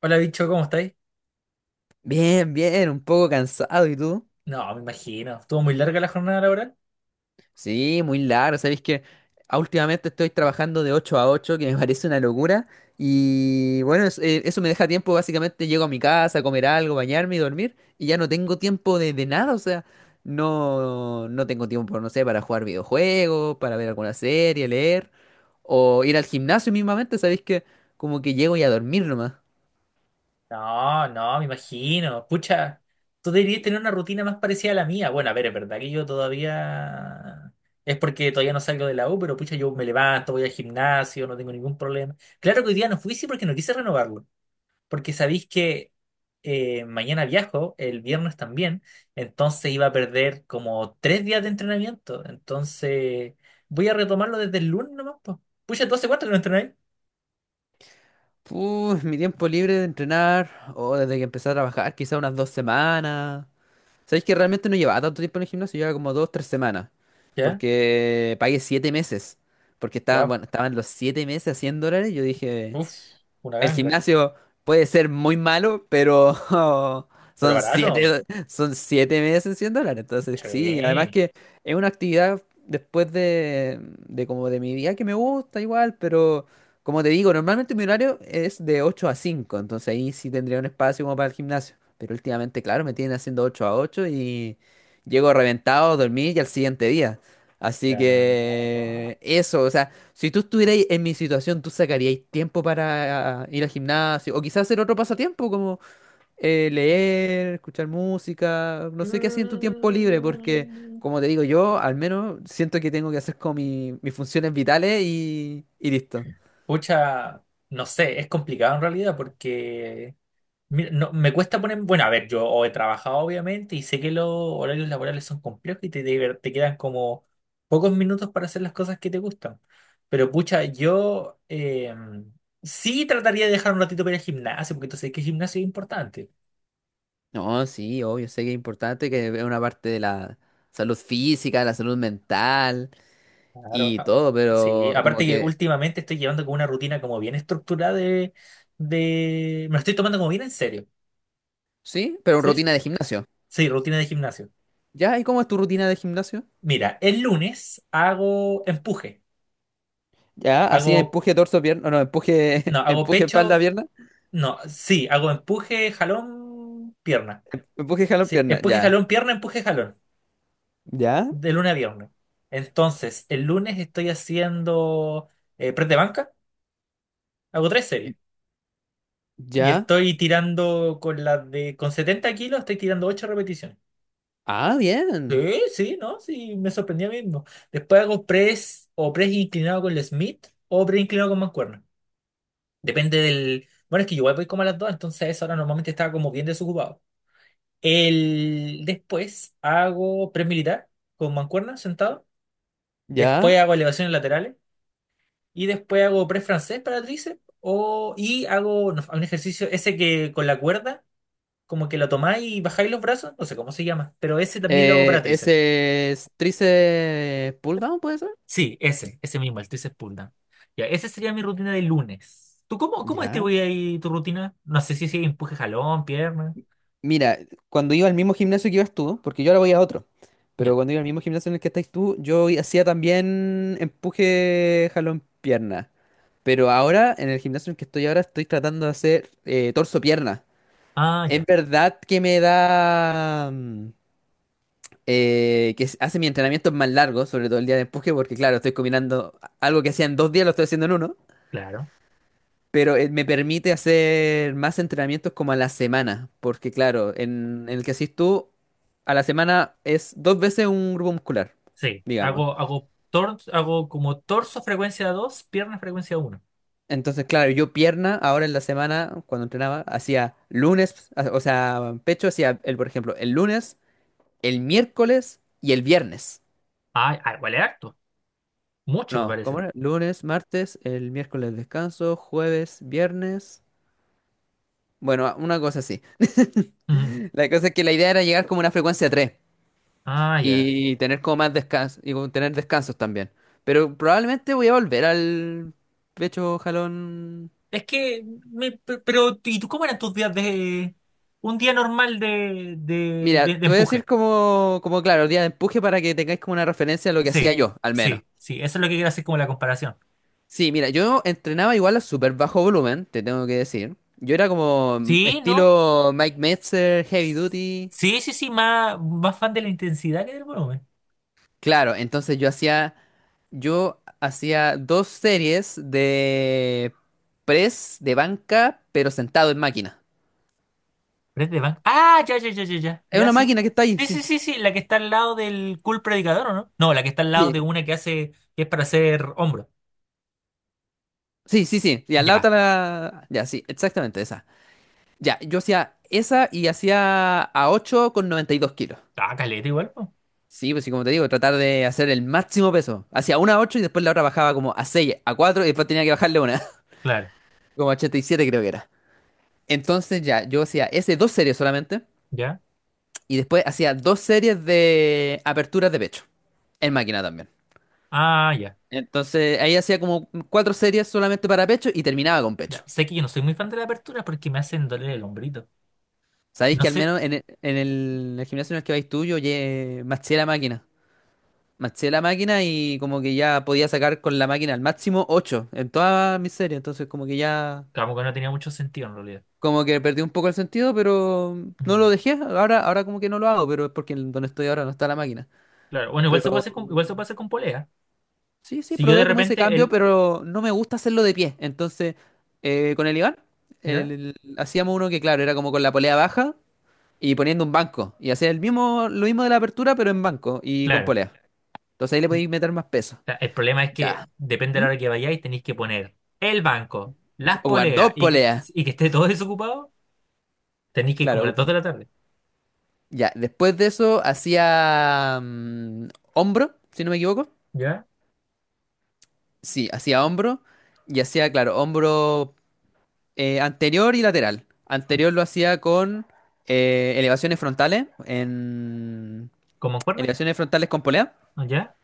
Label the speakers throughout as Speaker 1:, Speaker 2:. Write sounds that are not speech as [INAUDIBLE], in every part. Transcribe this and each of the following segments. Speaker 1: Hola, bicho, ¿cómo estáis?
Speaker 2: Bien, bien, un poco cansado, ¿y tú?
Speaker 1: No, me imagino. ¿Estuvo muy larga la jornada laboral?
Speaker 2: Sí, muy largo, ¿sabéis que últimamente estoy trabajando de 8 a 8, que me [LAUGHS] parece una locura? Y bueno, eso me deja tiempo. Básicamente llego a mi casa a comer algo, bañarme y dormir, y ya no tengo tiempo de nada. O sea, no, no tengo tiempo, no sé, para jugar videojuegos, para ver alguna serie, leer, o ir al gimnasio mismamente, ¿sabéis que como que llego y a dormir nomás?
Speaker 1: No, no, me imagino. Pucha, tú deberías tener una rutina más parecida a la mía. Bueno, a ver, es verdad que yo todavía. Es porque todavía no salgo de la U, pero pucha, yo me levanto, voy al gimnasio, no tengo ningún problema. Claro que hoy día no fui, sí, porque no quise renovarlo. Porque sabéis que mañana viajo, el viernes también, entonces iba a perder como 3 días de entrenamiento. Entonces voy a retomarlo desde el lunes nomás, po. Pucha, ¿tú hace cuánto que no entrenáis?
Speaker 2: Puh, mi tiempo libre de entrenar, o desde que empecé a trabajar, quizá unas 2 semanas. Sabéis que realmente no llevaba tanto tiempo en el gimnasio, llevaba como dos, tres semanas.
Speaker 1: ¿Ya?
Speaker 2: Porque pagué 7 meses. Porque estaba,
Speaker 1: Wow.
Speaker 2: bueno, estaban los 7 meses a 100 dólares. Yo dije,
Speaker 1: Uf, una
Speaker 2: el
Speaker 1: ganga.
Speaker 2: gimnasio puede ser muy malo, pero [LAUGHS]
Speaker 1: Pero
Speaker 2: son
Speaker 1: barato.
Speaker 2: siete, son siete meses en 100 dólares. Entonces, sí, además
Speaker 1: Sí.
Speaker 2: que es una actividad después de como de mi día que me gusta igual, pero como te digo, normalmente mi horario es de 8 a 5, entonces ahí sí tendría un espacio como para el gimnasio. Pero últimamente, claro, me tienen haciendo 8 a 8 y llego reventado, dormí y al siguiente día. Así
Speaker 1: Ya. Guau.
Speaker 2: que eso, o sea, si tú estuvierais en mi situación, ¿tú sacaríais tiempo para ir al gimnasio? O quizás hacer otro pasatiempo, como leer, escuchar música, no sé qué hacía en tu tiempo libre, porque
Speaker 1: Mm,
Speaker 2: como te digo, yo al menos siento que tengo que hacer como mis funciones vitales y listo.
Speaker 1: pucha, no sé, es complicado en realidad porque mira, no, me cuesta poner, bueno, a ver, yo o he trabajado obviamente y sé que los horarios laborales son complejos y te quedan como pocos minutos para hacer las cosas que te gustan. Pero pucha, yo sí trataría de dejar un ratito para ir al gimnasio porque tú sabes que el gimnasio es importante.
Speaker 2: No, sí, obvio, sé que es importante, que es una parte de la salud física, la salud mental
Speaker 1: Claro,
Speaker 2: y todo,
Speaker 1: sí,
Speaker 2: pero
Speaker 1: aparte
Speaker 2: como
Speaker 1: que
Speaker 2: que,
Speaker 1: últimamente estoy llevando como una rutina como bien estructurada Me lo estoy tomando como bien en serio.
Speaker 2: sí, pero
Speaker 1: ¿Sí? Sí,
Speaker 2: rutina de gimnasio.
Speaker 1: sí, rutina de gimnasio.
Speaker 2: ¿Ya? ¿Y cómo es tu rutina de gimnasio?
Speaker 1: Mira, el lunes hago empuje.
Speaker 2: Ya, así
Speaker 1: Hago,
Speaker 2: empuje torso, pierna, no,
Speaker 1: no,
Speaker 2: empuje, [LAUGHS]
Speaker 1: hago
Speaker 2: empuje espalda,
Speaker 1: pecho,
Speaker 2: pierna,
Speaker 1: no, sí, hago empuje, jalón, pierna.
Speaker 2: empuje jalón,
Speaker 1: Sí,
Speaker 2: pierna,
Speaker 1: empuje,
Speaker 2: ya,
Speaker 1: jalón, pierna, empuje, jalón,
Speaker 2: ya,
Speaker 1: de lunes a viernes. Entonces, el lunes estoy haciendo press de banca, hago tres series. Y
Speaker 2: ya,
Speaker 1: estoy tirando con con 70 kilos estoy tirando 8 repeticiones.
Speaker 2: ah, bien,
Speaker 1: Sí, sí, ¿no? Sí, me sorprendía mismo. Después hago press o press inclinado con el Smith o press inclinado con mancuerna. Depende del. Bueno, es que yo igual voy como a las 2, entonces a esa hora normalmente estaba como bien desocupado. Después hago press militar con mancuerna sentado.
Speaker 2: ya,
Speaker 1: Después hago elevaciones laterales. Y después hago press francés para tríceps. Y hago no, un ejercicio ese que con la cuerda como que lo tomáis y bajáis los brazos, no sé cómo se llama, pero ese también lo hago para tríceps.
Speaker 2: ese es tríceps pull down, ¿puede ser?
Speaker 1: Sí, ese mismo, el tríceps pull down. Ya, esa sería mi rutina de lunes. ¿Tú cómo
Speaker 2: Ya,
Speaker 1: distribuís ahí tu rutina? No sé si empuje jalón, pierna.
Speaker 2: mira, cuando iba al mismo gimnasio que ibas tú, porque yo ahora voy a otro, pero
Speaker 1: Ya.
Speaker 2: cuando iba al mismo gimnasio en el que estáis tú, hacía también empuje jalón, pierna, pero ahora, en el gimnasio en el que estoy ahora, estoy tratando de hacer torso, pierna.
Speaker 1: Ah,
Speaker 2: Es
Speaker 1: ya,
Speaker 2: verdad que me da... hace mis entrenamientos más largos, sobre todo el día de empuje, porque claro, estoy combinando algo que hacía en dos días, lo estoy haciendo en uno,
Speaker 1: claro.
Speaker 2: pero me permite hacer más entrenamientos como a la semana, porque claro, en el que haces tú, a la semana es dos veces un grupo muscular,
Speaker 1: Sí,
Speaker 2: digamos.
Speaker 1: hago como torso frecuencia 2 pierna frecuencia uno.
Speaker 2: Entonces, claro, yo pierna, ahora en la semana, cuando entrenaba, hacía lunes, o sea, pecho hacía, por ejemplo, el lunes, el miércoles y el viernes.
Speaker 1: Ah, ah, vale harto. Mucho me
Speaker 2: No, ¿cómo
Speaker 1: parece.
Speaker 2: era? Lunes, martes, el miércoles descanso, jueves, viernes. Bueno, una cosa así. [LAUGHS]
Speaker 1: Ujú.
Speaker 2: La cosa es que la idea era llegar como a una frecuencia 3
Speaker 1: Ah, ya.
Speaker 2: y tener como más descanso y como tener descansos también. Pero probablemente voy a volver al pecho jalón.
Speaker 1: Es que, pero, ¿y tú cómo eran tus días de un día normal
Speaker 2: Mira,
Speaker 1: de
Speaker 2: te voy a decir
Speaker 1: empuje?
Speaker 2: como, claro, día de empuje para que tengáis como una referencia a lo que hacía
Speaker 1: Sí,
Speaker 2: yo, al menos.
Speaker 1: sí, sí, eso es lo que quiero hacer como la comparación.
Speaker 2: Sí, mira, yo entrenaba igual a súper bajo volumen, te tengo que decir. Yo era como
Speaker 1: Sí, no.
Speaker 2: estilo Mike Metzer, Heavy Duty.
Speaker 1: Sí, sí, sí, más fan de la intensidad que del volumen.
Speaker 2: Claro, entonces yo hacía dos series de press de banca, pero sentado en máquina.
Speaker 1: Pero es de Bang. Ah, ya, ya, ya, ya, ya,
Speaker 2: Es
Speaker 1: ya,
Speaker 2: una
Speaker 1: sí.
Speaker 2: máquina que está ahí,
Speaker 1: Sí, sí,
Speaker 2: sí.
Speaker 1: sí, sí, la que está al lado del cool predicador, ¿o no? No, la que está al lado de
Speaker 2: Sí.
Speaker 1: una que hace, que es para hacer hombro.
Speaker 2: Sí, sí, sí. Y al lado
Speaker 1: Ya.
Speaker 2: está la... Ya, sí, exactamente esa. Ya, yo hacía esa y hacía a 8 con 92 kilos.
Speaker 1: Ah, caleta igual, pues.
Speaker 2: Sí, pues sí, como te digo, tratar de hacer el máximo peso. Hacía una a 8 y después la otra bajaba como a 6, a 4 y después tenía que bajarle una. [LAUGHS]
Speaker 1: Claro,
Speaker 2: Como a 87 creo que era. Entonces ya, yo hacía ese dos series solamente.
Speaker 1: ya.
Speaker 2: Y después hacía dos series de aperturas de pecho. En máquina también.
Speaker 1: Ah, ya,
Speaker 2: Entonces ahí hacía como cuatro series solamente para pecho y terminaba con
Speaker 1: ya.
Speaker 2: pecho.
Speaker 1: Sé que yo no soy muy fan de la apertura porque me hacen doler el hombrito.
Speaker 2: Sabéis
Speaker 1: No
Speaker 2: que al
Speaker 1: sé,
Speaker 2: menos en el gimnasio en el que vais tú, maché la máquina. Maché la máquina y como que ya podía sacar con la máquina al máximo ocho en todas mis series. Entonces como que ya,
Speaker 1: como que no tenía mucho sentido en realidad.
Speaker 2: como que perdí un poco el sentido, pero no
Speaker 1: Mm,
Speaker 2: lo dejé. Ahora como que no lo hago, pero es porque en donde estoy ahora no está la máquina.
Speaker 1: claro, bueno,
Speaker 2: Pero
Speaker 1: igual se puede hacer con polea.
Speaker 2: Sí, sí,
Speaker 1: Si yo de
Speaker 2: probé como ese
Speaker 1: repente,
Speaker 2: cambio,
Speaker 1: el.
Speaker 2: pero no me gusta hacerlo de pie. Entonces, con el Iván,
Speaker 1: ¿Ya?
Speaker 2: hacíamos uno que, claro, era como con la polea baja y poniendo un banco. Y hacía el mismo, lo mismo de la apertura, pero en banco y con
Speaker 1: Claro.
Speaker 2: polea. Entonces ahí le podéis meter más peso.
Speaker 1: O sea, el problema es
Speaker 2: Ya.
Speaker 1: que depende de la
Speaker 2: ¿Mm?
Speaker 1: hora que vayáis, tenéis que poner el banco, las
Speaker 2: Ocupar
Speaker 1: poleas
Speaker 2: dos poleas.
Speaker 1: y que esté todo desocupado. Tenéis que ir como a
Speaker 2: Claro.
Speaker 1: las 2 de la tarde.
Speaker 2: Ya. Después de eso, hacía hombro, si no me equivoco.
Speaker 1: ¿Ya?
Speaker 2: Sí, hacía hombro. Y hacía, claro, hombro anterior y lateral. Anterior lo hacía con eh, elevaciones frontales, en
Speaker 1: ¿Como en cuerda?
Speaker 2: elevaciones frontales con polea.
Speaker 1: ¿Ya?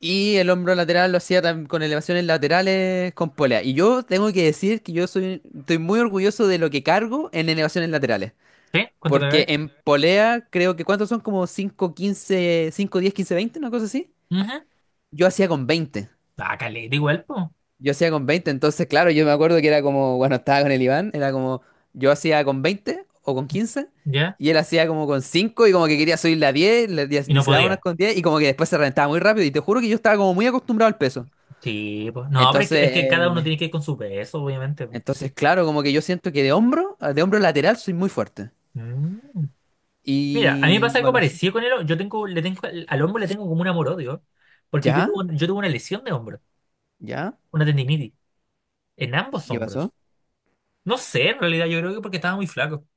Speaker 2: Y el hombro lateral lo hacía con elevaciones laterales con polea. Y yo tengo que decir que estoy muy orgulloso de lo que cargo en elevaciones laterales.
Speaker 1: ¿Sí? ¿Cuánto
Speaker 2: Porque
Speaker 1: cargáis?
Speaker 2: en polea creo que, ¿cuántos son? Como 5 15, 5 10 15 20, una cosa así.
Speaker 1: Ujú.
Speaker 2: Yo hacía con 20
Speaker 1: Ah, caleta igual, pues.
Speaker 2: Yo hacía con 20 entonces, claro, yo me acuerdo que era como, bueno, estaba con el Iván, era como, yo hacía con 20 o con 15
Speaker 1: ¿Ya?
Speaker 2: y él hacía como con 5 y como que quería subirle a 10
Speaker 1: Y
Speaker 2: y
Speaker 1: no
Speaker 2: se daba unas
Speaker 1: podía.
Speaker 2: con 10 y como que después se reventaba muy rápido, y te juro que yo estaba como muy acostumbrado al peso.
Speaker 1: Sí, pues. No, pero es
Speaker 2: Entonces,
Speaker 1: que cada uno
Speaker 2: eh,
Speaker 1: tiene que ir con su peso, obviamente. Po. Sí.
Speaker 2: entonces, claro, como que yo siento que de hombro lateral soy muy fuerte.
Speaker 1: Mm. Mira, a mí me
Speaker 2: Y
Speaker 1: pasa algo
Speaker 2: bueno, sí.
Speaker 1: parecido con el hombro. Yo tengo, le tengo, al hombro le tengo como un amor-odio. Porque
Speaker 2: ¿Ya?
Speaker 1: yo tuve una lesión de hombro,
Speaker 2: ¿Ya?
Speaker 1: una tendinitis, en ambos
Speaker 2: ¿Qué
Speaker 1: hombros.
Speaker 2: pasó?
Speaker 1: No sé, en realidad yo creo que porque estaba muy flaco.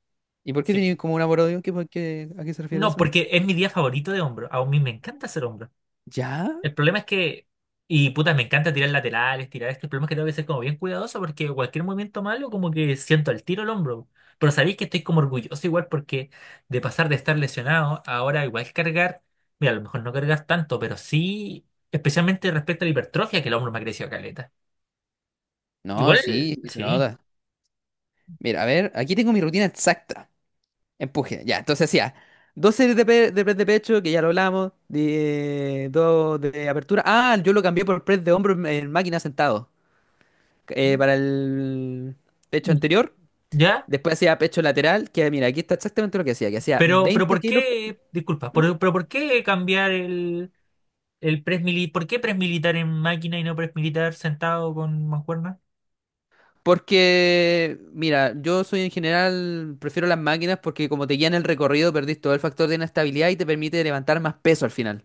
Speaker 2: ¿Y por qué
Speaker 1: Sí.
Speaker 2: tenía como un amor-odio? ¿A qué se refiere
Speaker 1: No,
Speaker 2: eso?
Speaker 1: porque es mi día favorito de hombro. A mí me encanta hacer hombro.
Speaker 2: ¿Ya?
Speaker 1: El problema es que, y puta, me encanta tirar laterales, tirar esto. El problema es que tengo que ser como bien cuidadoso porque cualquier movimiento malo como que siento el tiro el hombro. Pero sabéis que estoy como orgulloso igual porque de pasar de estar lesionado, ahora igual cargar, mira, a lo mejor no cargas tanto, pero sí, especialmente respecto a la hipertrofia, que el hombro me ha crecido caleta.
Speaker 2: No,
Speaker 1: Igual,
Speaker 2: sí, sí se
Speaker 1: sí.
Speaker 2: nota. Mira, a ver, aquí tengo mi rutina exacta. Empuje, ya, entonces hacía dos series de press de pecho, que ya lo hablamos, dos de apertura. Ah, yo lo cambié por press de hombro en máquina sentado, para el pecho anterior.
Speaker 1: ¿Ya?
Speaker 2: Después hacía pecho lateral, que mira, aquí está exactamente lo que hacía
Speaker 1: Pero
Speaker 2: 20
Speaker 1: ¿por
Speaker 2: kilos.
Speaker 1: qué, disculpa,
Speaker 2: ¿Mm?
Speaker 1: pero ¿por qué cambiar el ¿Por qué press militar en máquina y no press militar sentado con mancuerna?
Speaker 2: Porque, mira, yo soy en general, prefiero las máquinas porque como te guían el recorrido, perdís todo el factor de inestabilidad y te permite levantar más peso al final.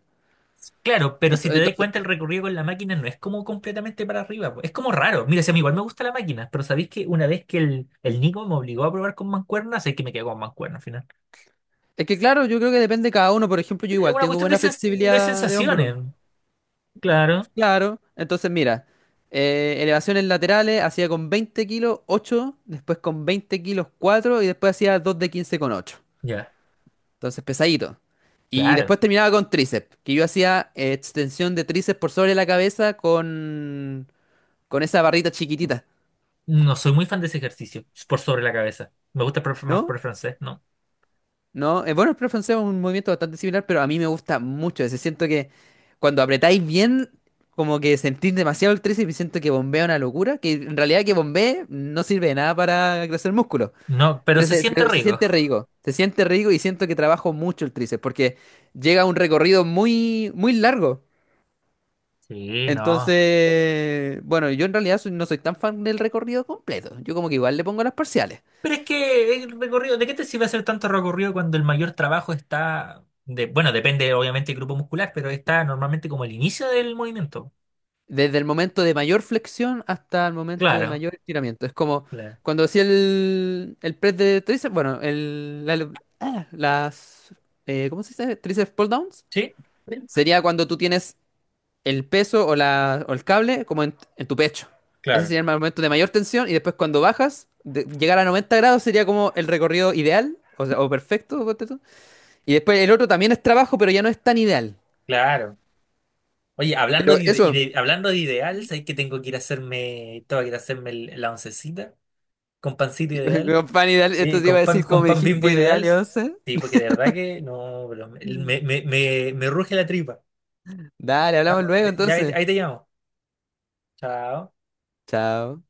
Speaker 1: Claro, pero si te das
Speaker 2: Entonces,
Speaker 1: cuenta el recorrido con la máquina no es como completamente para arriba, po, es como raro. Mira, si a mí igual me gusta la máquina, pero sabéis que una vez que el Nico me obligó a probar con mancuerna, sé que me quedo con mancuerna al final.
Speaker 2: es que claro, yo creo que depende de cada uno. Por ejemplo, yo
Speaker 1: Es
Speaker 2: igual
Speaker 1: una
Speaker 2: tengo
Speaker 1: cuestión
Speaker 2: buena
Speaker 1: de
Speaker 2: flexibilidad de hombro.
Speaker 1: sensaciones, claro,
Speaker 2: Claro. Entonces, mira, elevaciones laterales hacía con 20 kilos 8, después con 20 kilos 4 y después hacía 2 de 15 con 8.
Speaker 1: ya,
Speaker 2: Entonces, pesadito. Y
Speaker 1: claro.
Speaker 2: después terminaba con tríceps, que yo hacía extensión de tríceps por sobre la cabeza con esa barrita chiquitita,
Speaker 1: No soy muy fan de ese ejercicio, por sobre la cabeza. Me gusta más
Speaker 2: ¿no?
Speaker 1: por el francés, ¿no?
Speaker 2: No, bueno, el pre francés es un movimiento bastante similar, pero a mí me gusta mucho ese. Siento que cuando apretáis bien, como que sentís demasiado el tríceps y siento que bombea una locura, que en realidad que bombee no sirve de nada para crecer músculo,
Speaker 1: No, pero se siente
Speaker 2: pero
Speaker 1: rico.
Speaker 2: se siente rico y siento que trabajo mucho el tríceps porque llega a un recorrido muy, muy largo.
Speaker 1: Sí, no.
Speaker 2: Entonces, bueno, yo en realidad no soy tan fan del recorrido completo, yo como que igual le pongo las parciales.
Speaker 1: Pero es que el recorrido, ¿de qué te sirve hacer tanto recorrido cuando el mayor trabajo está de, bueno, depende obviamente del grupo muscular, pero está normalmente como el inicio del movimiento?
Speaker 2: Desde el momento de mayor flexión hasta el momento de
Speaker 1: Claro,
Speaker 2: mayor estiramiento. Es como
Speaker 1: claro.
Speaker 2: cuando hacía el press de tríceps, bueno, ah, ¿cómo se dice? Tríceps pull downs.
Speaker 1: ¿Sí?
Speaker 2: Sería cuando tú tienes el peso o el cable como en tu pecho. Ese
Speaker 1: Claro,
Speaker 2: sería el momento de mayor tensión y después cuando bajas, llegar a 90 grados sería como el recorrido ideal, o sea, o perfecto. Ponte tú. Y después el otro también es trabajo, pero ya no es tan ideal.
Speaker 1: claro. Oye, hablando
Speaker 2: Pero eso,
Speaker 1: hablando de ideal, ¿sabes que tengo que ir a hacerme, tengo que ir a hacerme la oncecita con pancito ideal?
Speaker 2: [LAUGHS] pan ideal,
Speaker 1: Eh,
Speaker 2: esto te iba a
Speaker 1: con pan,
Speaker 2: decir como
Speaker 1: con
Speaker 2: me
Speaker 1: pan
Speaker 2: dijiste
Speaker 1: Bimbo
Speaker 2: ideal.
Speaker 1: ideal. Sí, porque de verdad que no, pero
Speaker 2: Mm.
Speaker 1: me ruge la tripa.
Speaker 2: Dale,
Speaker 1: Ya,
Speaker 2: hablamos
Speaker 1: pues,
Speaker 2: luego
Speaker 1: ya
Speaker 2: entonces.
Speaker 1: ahí te llamo. Chao.
Speaker 2: Chao.